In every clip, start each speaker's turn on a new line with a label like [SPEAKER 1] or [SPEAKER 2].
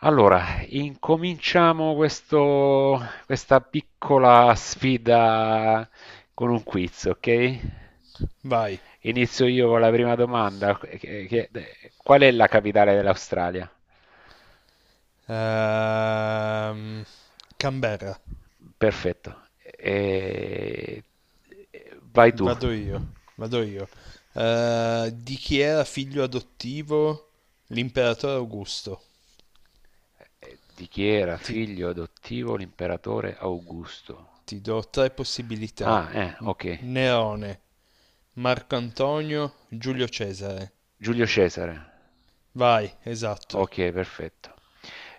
[SPEAKER 1] Allora, incominciamo questa piccola sfida con un quiz, ok?
[SPEAKER 2] Vai.
[SPEAKER 1] Inizio io con la prima domanda. Qual è la capitale dell'Australia?
[SPEAKER 2] Ehm, Canberra.
[SPEAKER 1] Perfetto. Vai tu.
[SPEAKER 2] Vado io. Vado io. Di chi era figlio adottivo l'imperatore Augusto?
[SPEAKER 1] Di chi era
[SPEAKER 2] Ti,
[SPEAKER 1] figlio adottivo l'imperatore Augusto?
[SPEAKER 2] ti do tre possibilità.
[SPEAKER 1] Ah,
[SPEAKER 2] N-
[SPEAKER 1] ok.
[SPEAKER 2] Nerone, Marco Antonio, Giulio Cesare.
[SPEAKER 1] Giulio Cesare.
[SPEAKER 2] Vai, esatto.
[SPEAKER 1] Ok, perfetto.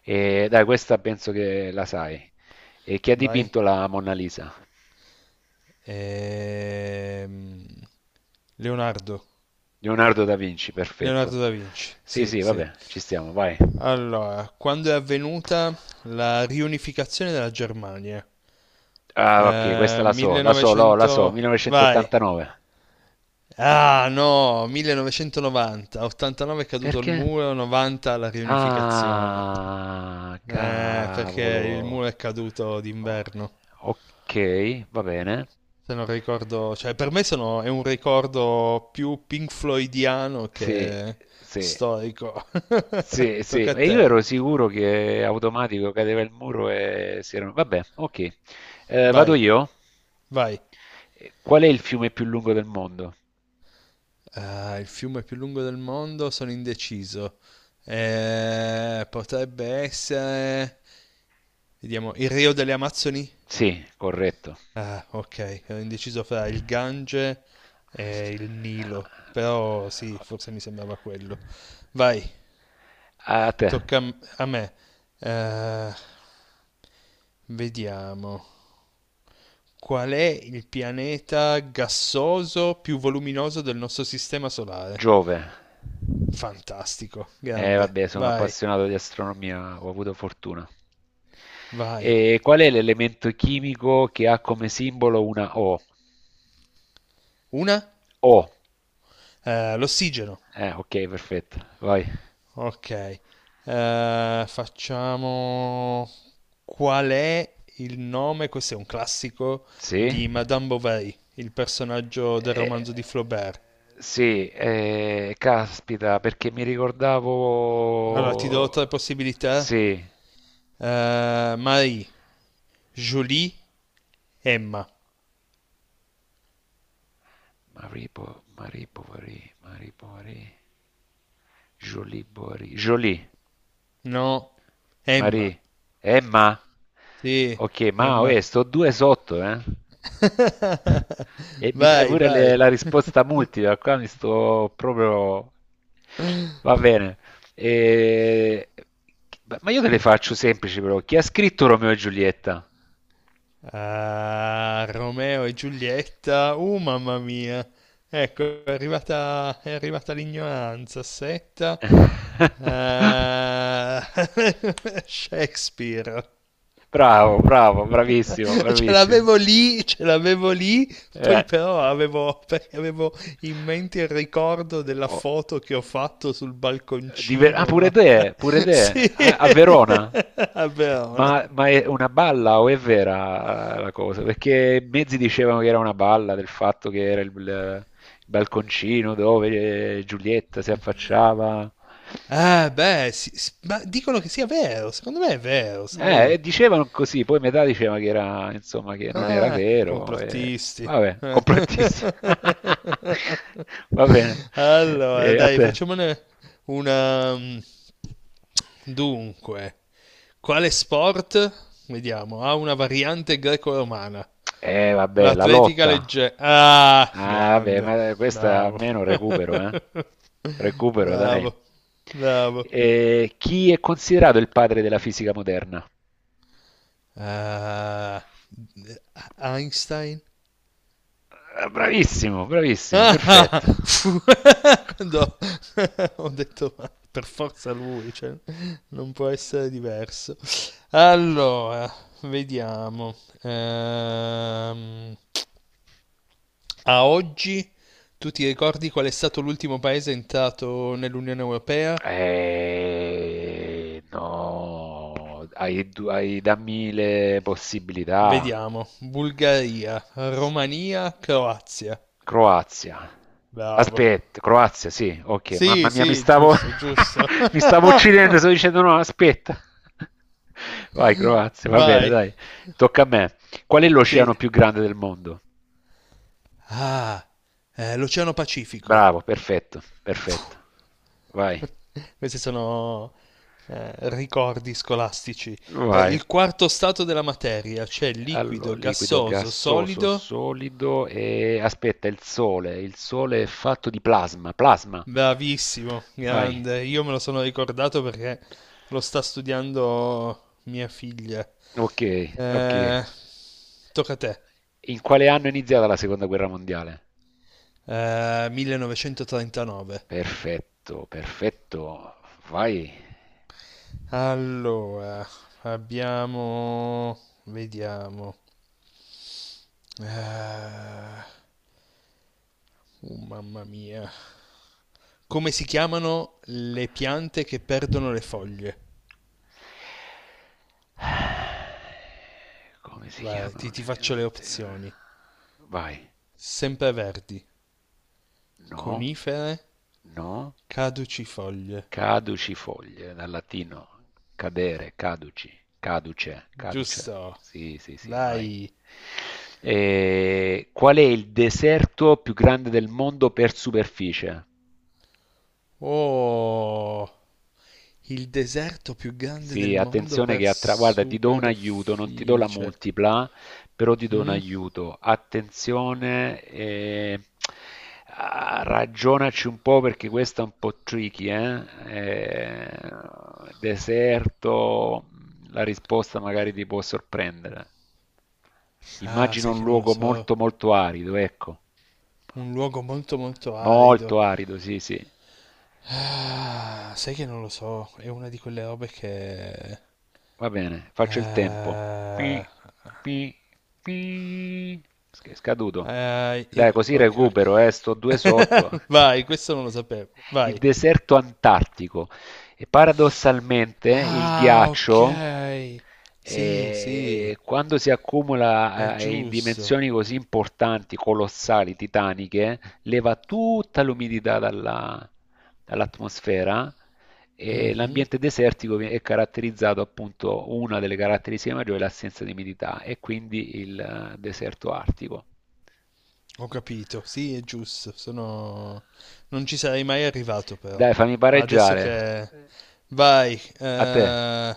[SPEAKER 1] E dai, questa penso che la sai. E chi ha
[SPEAKER 2] Vai.
[SPEAKER 1] dipinto la Mona Lisa?
[SPEAKER 2] Ehm, Leonardo.
[SPEAKER 1] Leonardo da Vinci,
[SPEAKER 2] Leonardo
[SPEAKER 1] perfetto.
[SPEAKER 2] da Vinci,
[SPEAKER 1] Sì,
[SPEAKER 2] sì,
[SPEAKER 1] sì,
[SPEAKER 2] sì.
[SPEAKER 1] vabbè, ci stiamo, vai.
[SPEAKER 2] Allora, quando è avvenuta la riunificazione della Germania?
[SPEAKER 1] Ah, ok, questa la so, la so, no, la so,
[SPEAKER 2] 1900. Vai.
[SPEAKER 1] 1989.
[SPEAKER 2] Ah, no, 1990. 89 è caduto il
[SPEAKER 1] Perché?
[SPEAKER 2] muro, 90 la riunificazione.
[SPEAKER 1] Ah,
[SPEAKER 2] Perché il
[SPEAKER 1] cavolo.
[SPEAKER 2] muro è caduto
[SPEAKER 1] Oh,
[SPEAKER 2] d'inverno.
[SPEAKER 1] ok, va bene.
[SPEAKER 2] Se non ricordo, cioè per me sono, è un ricordo più Pink Floydiano
[SPEAKER 1] Sì,
[SPEAKER 2] che
[SPEAKER 1] sì,
[SPEAKER 2] storico.
[SPEAKER 1] sì, sì.
[SPEAKER 2] Tocca a
[SPEAKER 1] E io
[SPEAKER 2] te.
[SPEAKER 1] ero sicuro che automatico cadeva il muro e si erano. Vabbè, ok. Vado
[SPEAKER 2] Vai,
[SPEAKER 1] io?
[SPEAKER 2] vai.
[SPEAKER 1] Qual è il fiume più lungo del mondo?
[SPEAKER 2] Ah, il fiume più lungo del mondo, sono indeciso. Potrebbe essere. Vediamo, il Rio delle Amazzoni?
[SPEAKER 1] Sì, corretto.
[SPEAKER 2] Ah, ok, ero indeciso fra il Gange e il Nilo. Però sì, forse mi sembrava quello. Vai,
[SPEAKER 1] A te.
[SPEAKER 2] tocca a a me. Eh, Vediamo. Qual è il pianeta gassoso più voluminoso del nostro sistema solare?
[SPEAKER 1] Giove.
[SPEAKER 2] Fantastico, grande.
[SPEAKER 1] Vabbè, sono
[SPEAKER 2] Vai,
[SPEAKER 1] appassionato di astronomia, ho avuto fortuna.
[SPEAKER 2] vai.
[SPEAKER 1] E qual è l'elemento chimico che ha come simbolo una O?
[SPEAKER 2] Una?
[SPEAKER 1] O.
[SPEAKER 2] L'ossigeno.
[SPEAKER 1] Ok, perfetto. Vai.
[SPEAKER 2] Ok. Facciamo. Qual è il nome? Questo è un classico
[SPEAKER 1] Sì.
[SPEAKER 2] di Madame Bovary, il personaggio del
[SPEAKER 1] Eh,
[SPEAKER 2] romanzo di Flaubert.
[SPEAKER 1] sì, caspita, perché mi
[SPEAKER 2] Allora, ti do
[SPEAKER 1] ricordavo.
[SPEAKER 2] tre possibilità.
[SPEAKER 1] Sì.
[SPEAKER 2] Marie, Julie, Emma.
[SPEAKER 1] Maripo, Maripo, Marie, Maripo, Marie. Bovary, Jolie Borie. Jolie.
[SPEAKER 2] No, Emma.
[SPEAKER 1] Marie, Emma.
[SPEAKER 2] Sì,
[SPEAKER 1] Ok, ma oh,
[SPEAKER 2] Emma.
[SPEAKER 1] sto due sotto, eh. E mi dai
[SPEAKER 2] Vai,
[SPEAKER 1] pure
[SPEAKER 2] vai.
[SPEAKER 1] la risposta multipla, qua mi sto proprio. Va bene. E- Ma io te le faccio semplici però. Chi ha scritto Romeo e Giulietta?
[SPEAKER 2] Ah, Romeo e Giulietta. Mamma mia. Ecco, è arrivata l'ignoranza. Setta. Ah, Shakespeare.
[SPEAKER 1] Bravo, bravo, bravissimo, bravissimo.
[SPEAKER 2] Ce l'avevo lì, poi
[SPEAKER 1] Eh,
[SPEAKER 2] però avevo, perché avevo in mente il ricordo della
[SPEAKER 1] oh.
[SPEAKER 2] foto che ho fatto sul
[SPEAKER 1] Ah,
[SPEAKER 2] balconcino.
[SPEAKER 1] pure te,
[SPEAKER 2] Sì,
[SPEAKER 1] a Verona.
[SPEAKER 2] a Verona.
[SPEAKER 1] Ma è una balla o è vera la cosa? Perché mezzi dicevano che era una balla del fatto che era il balconcino dove Giulietta si affacciava.
[SPEAKER 2] Ah, beh, sì, ma dicono che sia vero, secondo me è vero, sai?
[SPEAKER 1] Dicevano così, poi metà diceva che era, insomma, che non era
[SPEAKER 2] Ah, i
[SPEAKER 1] vero.
[SPEAKER 2] complottisti.
[SPEAKER 1] Vabbè, complottissimo. Va bene.
[SPEAKER 2] Allora,
[SPEAKER 1] E a
[SPEAKER 2] dai,
[SPEAKER 1] te.
[SPEAKER 2] facciamone una. Dunque, quale sport? Vediamo, ha una variante greco-romana.
[SPEAKER 1] Vabbè, la
[SPEAKER 2] L'atletica
[SPEAKER 1] lotta.
[SPEAKER 2] leggera. Ah,
[SPEAKER 1] Ah, vabbè,
[SPEAKER 2] grande.
[SPEAKER 1] ma questa
[SPEAKER 2] Bravo.
[SPEAKER 1] almeno recupero, eh. Recupero, dai.
[SPEAKER 2] Bravo. Bravo.
[SPEAKER 1] Chi è considerato il padre della fisica moderna?
[SPEAKER 2] eh, Einstein.
[SPEAKER 1] Ah, bravissimo, bravissimo,
[SPEAKER 2] Ah,
[SPEAKER 1] perfetto.
[SPEAKER 2] quando ho detto ma per forza lui, cioè, non può essere diverso. Allora, vediamo. Ehm, A oggi tu ti ricordi qual è stato l'ultimo paese entrato nell'Unione Europea?
[SPEAKER 1] No, hai dammi le possibilità.
[SPEAKER 2] Vediamo. Bulgaria,
[SPEAKER 1] S-
[SPEAKER 2] Romania, Croazia.
[SPEAKER 1] Croazia.
[SPEAKER 2] Bravo.
[SPEAKER 1] Aspetta, Croazia, sì, ok, mamma
[SPEAKER 2] Sì,
[SPEAKER 1] mia, mi
[SPEAKER 2] sì,
[SPEAKER 1] stavo,
[SPEAKER 2] giusto, giusto.
[SPEAKER 1] mi stavo uccidendo, stavo dicendo no, aspetta. Vai, Croazia, va bene,
[SPEAKER 2] Vai.
[SPEAKER 1] dai, tocca a me. Qual è
[SPEAKER 2] Sì.
[SPEAKER 1] l'oceano più grande del mondo?
[SPEAKER 2] Ah, l'Oceano Pacifico.
[SPEAKER 1] Bravo, perfetto, perfetto. Vai,
[SPEAKER 2] Questi sono ricordi scolastici.
[SPEAKER 1] vai.
[SPEAKER 2] Il quarto stato della materia, c'è liquido,
[SPEAKER 1] Liquido,
[SPEAKER 2] gassoso,
[SPEAKER 1] gassoso,
[SPEAKER 2] solido.
[SPEAKER 1] solido e aspetta, il sole. Il sole è fatto di plasma, plasma.
[SPEAKER 2] Bravissimo,
[SPEAKER 1] Vai.
[SPEAKER 2] grande. Io me lo sono ricordato perché lo sta studiando mia figlia.
[SPEAKER 1] Ok, ok.
[SPEAKER 2] Eh, Tocca a te.
[SPEAKER 1] In quale anno è iniziata la seconda guerra mondiale?
[SPEAKER 2] 1939.
[SPEAKER 1] Perfetto, perfetto. Vai.
[SPEAKER 2] Allora, abbiamo. Vediamo. Ah, mamma mia. Come si chiamano le piante che perdono le foglie?
[SPEAKER 1] Come si
[SPEAKER 2] Guarda,
[SPEAKER 1] chiamano
[SPEAKER 2] ti
[SPEAKER 1] le
[SPEAKER 2] faccio le
[SPEAKER 1] piante?
[SPEAKER 2] opzioni.
[SPEAKER 1] Vai.
[SPEAKER 2] Sempreverdi,
[SPEAKER 1] No,
[SPEAKER 2] conifere,
[SPEAKER 1] no.
[SPEAKER 2] caducifoglie.
[SPEAKER 1] Caduci foglie, dal latino cadere, caduci, caduce, caduce.
[SPEAKER 2] Giusto,
[SPEAKER 1] Sì, sì, sì, vai.
[SPEAKER 2] vai.
[SPEAKER 1] Qual è il deserto più grande del mondo per superficie?
[SPEAKER 2] Oh, il deserto più grande del
[SPEAKER 1] Sì,
[SPEAKER 2] mondo
[SPEAKER 1] attenzione
[SPEAKER 2] per
[SPEAKER 1] guarda, ti do un aiuto, non ti do la
[SPEAKER 2] superficie.
[SPEAKER 1] multipla, però ti do un
[SPEAKER 2] Mm?
[SPEAKER 1] aiuto. Attenzione, ah, ragionaci un po' perché questa è un po' tricky, eh? Deserto, la risposta magari ti può sorprendere.
[SPEAKER 2] Ah,
[SPEAKER 1] Immagino
[SPEAKER 2] sai
[SPEAKER 1] un
[SPEAKER 2] che non lo
[SPEAKER 1] luogo
[SPEAKER 2] so.
[SPEAKER 1] molto molto arido, ecco.
[SPEAKER 2] Un luogo molto molto arido.
[SPEAKER 1] Molto arido, sì, sì.
[SPEAKER 2] Ah, sai che non lo so, è una di quelle robe che.
[SPEAKER 1] Va bene, faccio il tempo. Pi,
[SPEAKER 2] Ah,
[SPEAKER 1] pi, pi. È scaduto.
[SPEAKER 2] ah,
[SPEAKER 1] Dai, così
[SPEAKER 2] ok,
[SPEAKER 1] recupero, sto due sotto.
[SPEAKER 2] ok. Vai, questo non lo sapevo.
[SPEAKER 1] Il
[SPEAKER 2] Vai.
[SPEAKER 1] deserto antartico. E paradossalmente il
[SPEAKER 2] Ah,
[SPEAKER 1] ghiaccio,
[SPEAKER 2] ok. Sì, sì,
[SPEAKER 1] quando si
[SPEAKER 2] è
[SPEAKER 1] accumula in
[SPEAKER 2] giusto.
[SPEAKER 1] dimensioni così importanti, colossali, titaniche, leva tutta l'umidità dall'atmosfera e
[SPEAKER 2] Mhm.
[SPEAKER 1] l'ambiente desertico è caratterizzato appunto, una delle caratteristiche maggiori è l'assenza di umidità e quindi il deserto artico.
[SPEAKER 2] Ho capito, sì, è giusto, sono. Non ci sarei mai arrivato però.
[SPEAKER 1] Dai, fammi
[SPEAKER 2] Adesso
[SPEAKER 1] pareggiare.
[SPEAKER 2] che. Vai,
[SPEAKER 1] A te.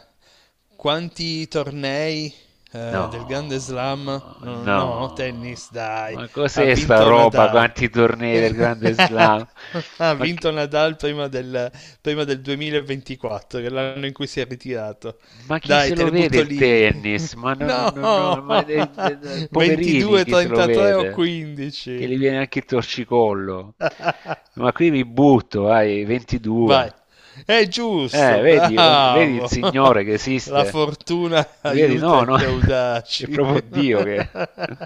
[SPEAKER 2] quanti tornei del Grande Slam?
[SPEAKER 1] No,
[SPEAKER 2] No, no,
[SPEAKER 1] no.
[SPEAKER 2] tennis, dai,
[SPEAKER 1] Ma
[SPEAKER 2] ha
[SPEAKER 1] cos'è sta
[SPEAKER 2] vinto
[SPEAKER 1] roba?
[SPEAKER 2] Nadal.
[SPEAKER 1] Quanti tornei del Grande Slam?
[SPEAKER 2] Ha
[SPEAKER 1] Ma che.
[SPEAKER 2] vinto Nadal prima del 2024, che è l'anno in cui si è ritirato.
[SPEAKER 1] Ma chi
[SPEAKER 2] Dai,
[SPEAKER 1] se
[SPEAKER 2] te
[SPEAKER 1] lo
[SPEAKER 2] le
[SPEAKER 1] vede
[SPEAKER 2] butto
[SPEAKER 1] il
[SPEAKER 2] lì.
[SPEAKER 1] tennis? Ma no, no,
[SPEAKER 2] No!
[SPEAKER 1] no, no, ma poverini
[SPEAKER 2] 22,
[SPEAKER 1] chi se lo
[SPEAKER 2] 33 o
[SPEAKER 1] vede? Che
[SPEAKER 2] 15.
[SPEAKER 1] gli viene anche il torcicollo. Ma qui mi butto, ai
[SPEAKER 2] Vai.
[SPEAKER 1] 22.
[SPEAKER 2] È giusto,
[SPEAKER 1] Vedi, vedi il
[SPEAKER 2] bravo.
[SPEAKER 1] Signore che
[SPEAKER 2] La
[SPEAKER 1] esiste?
[SPEAKER 2] fortuna
[SPEAKER 1] Vedi,
[SPEAKER 2] aiuta
[SPEAKER 1] no, no,
[SPEAKER 2] gli
[SPEAKER 1] è
[SPEAKER 2] audaci.
[SPEAKER 1] proprio Dio che.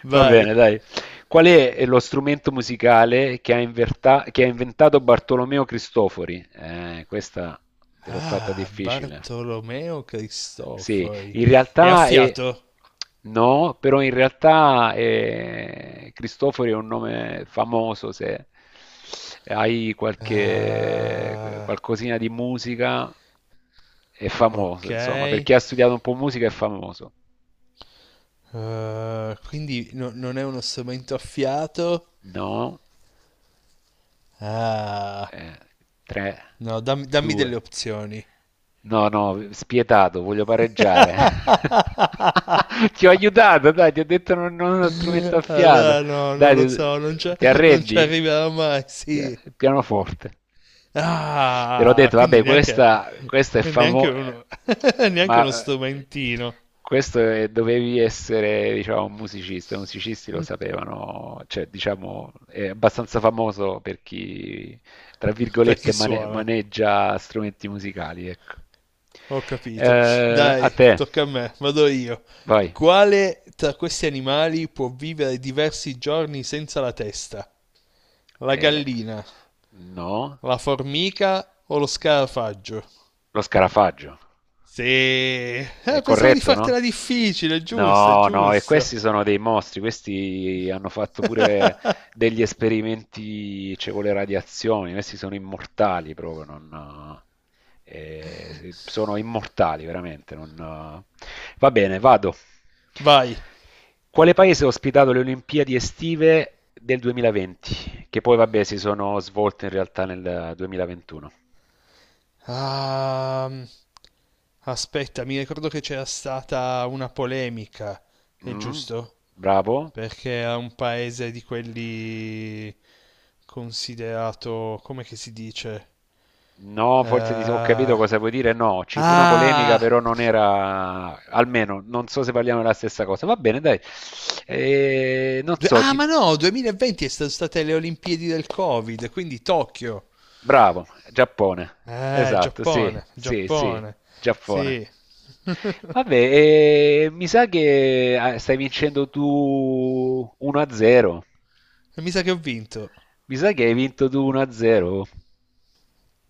[SPEAKER 1] Va
[SPEAKER 2] Vai.
[SPEAKER 1] bene, dai. Qual è lo strumento musicale che ha inventato Bartolomeo Cristofori? Questa te l'ho fatta
[SPEAKER 2] Ah,
[SPEAKER 1] difficile.
[SPEAKER 2] Bartolomeo
[SPEAKER 1] Sì,
[SPEAKER 2] Cristofori.
[SPEAKER 1] in
[SPEAKER 2] È a
[SPEAKER 1] realtà è.
[SPEAKER 2] fiato?
[SPEAKER 1] No, però in realtà Cristofori è un nome famoso, se hai qualche
[SPEAKER 2] Ah,
[SPEAKER 1] qualcosina di musica è famoso,
[SPEAKER 2] ok.
[SPEAKER 1] insomma, perché ha studiato un po' musica è famoso.
[SPEAKER 2] Ah, quindi non è uno strumento a fiato?
[SPEAKER 1] No.
[SPEAKER 2] Ah.
[SPEAKER 1] Eh, 3,
[SPEAKER 2] No, dammi delle
[SPEAKER 1] 2.
[SPEAKER 2] opzioni.
[SPEAKER 1] No, no, spietato, voglio pareggiare. Ti ho aiutato, dai, ti ho detto non uno strumento a fiato.
[SPEAKER 2] Allora, no,
[SPEAKER 1] Dai,
[SPEAKER 2] non lo
[SPEAKER 1] ti,
[SPEAKER 2] so,
[SPEAKER 1] ti
[SPEAKER 2] non ci
[SPEAKER 1] arrendi?
[SPEAKER 2] arriverò mai,
[SPEAKER 1] Ti-
[SPEAKER 2] sì.
[SPEAKER 1] Pianoforte. Te l'ho
[SPEAKER 2] Ah,
[SPEAKER 1] detto,
[SPEAKER 2] quindi
[SPEAKER 1] vabbè, questa è
[SPEAKER 2] neanche
[SPEAKER 1] famosa,
[SPEAKER 2] uno, neanche uno
[SPEAKER 1] ma
[SPEAKER 2] strumentino
[SPEAKER 1] questo dovevi essere, diciamo, un musicista. I musicisti lo sapevano, cioè, diciamo, è abbastanza famoso per chi tra
[SPEAKER 2] per
[SPEAKER 1] virgolette,
[SPEAKER 2] chi suona.
[SPEAKER 1] maneggia strumenti musicali, ecco.
[SPEAKER 2] Ho capito.
[SPEAKER 1] A
[SPEAKER 2] Dai,
[SPEAKER 1] te,
[SPEAKER 2] tocca a me, vado io.
[SPEAKER 1] vai.
[SPEAKER 2] Quale tra questi animali può vivere diversi giorni senza la testa? La
[SPEAKER 1] Eh,
[SPEAKER 2] gallina,
[SPEAKER 1] no,
[SPEAKER 2] la formica o lo scarafaggio?
[SPEAKER 1] lo scarafaggio.
[SPEAKER 2] Sì,
[SPEAKER 1] È
[SPEAKER 2] pensavo di
[SPEAKER 1] corretto, no?
[SPEAKER 2] fartela difficile, giusto,
[SPEAKER 1] No, no, e
[SPEAKER 2] giusto.
[SPEAKER 1] questi sono dei mostri, questi hanno fatto pure degli esperimenti, cioè, con le radiazioni, questi sono immortali proprio, non, sono immortali veramente. Va bene, vado.
[SPEAKER 2] Vai.
[SPEAKER 1] Quale paese ha ospitato le Olimpiadi estive del 2020? Che poi, vabbè, si sono svolte in realtà nel 2021.
[SPEAKER 2] Ehm, Aspetta, mi ricordo che c'era stata una polemica, è
[SPEAKER 1] Mm,
[SPEAKER 2] giusto?
[SPEAKER 1] bravo.
[SPEAKER 2] Perché era un paese di quelli considerato, come che si dice?
[SPEAKER 1] No, forse ho capito
[SPEAKER 2] Eh,
[SPEAKER 1] cosa vuoi dire. No, ci fu una polemica,
[SPEAKER 2] ah,
[SPEAKER 1] però non era, almeno non so se parliamo della stessa cosa. Va bene, dai. Non so,
[SPEAKER 2] ah, ma no, 2020 è stato state le Olimpiadi del Covid, quindi Tokyo.
[SPEAKER 1] bravo, Giappone. Esatto, sì,
[SPEAKER 2] Giappone,
[SPEAKER 1] sì, sì,
[SPEAKER 2] Giappone.
[SPEAKER 1] Giappone.
[SPEAKER 2] Sì.
[SPEAKER 1] Vabbè, mi sa che stai vincendo tu 1-0.
[SPEAKER 2] Mi sa che ho vinto.
[SPEAKER 1] Mi sa che hai vinto tu 1-0.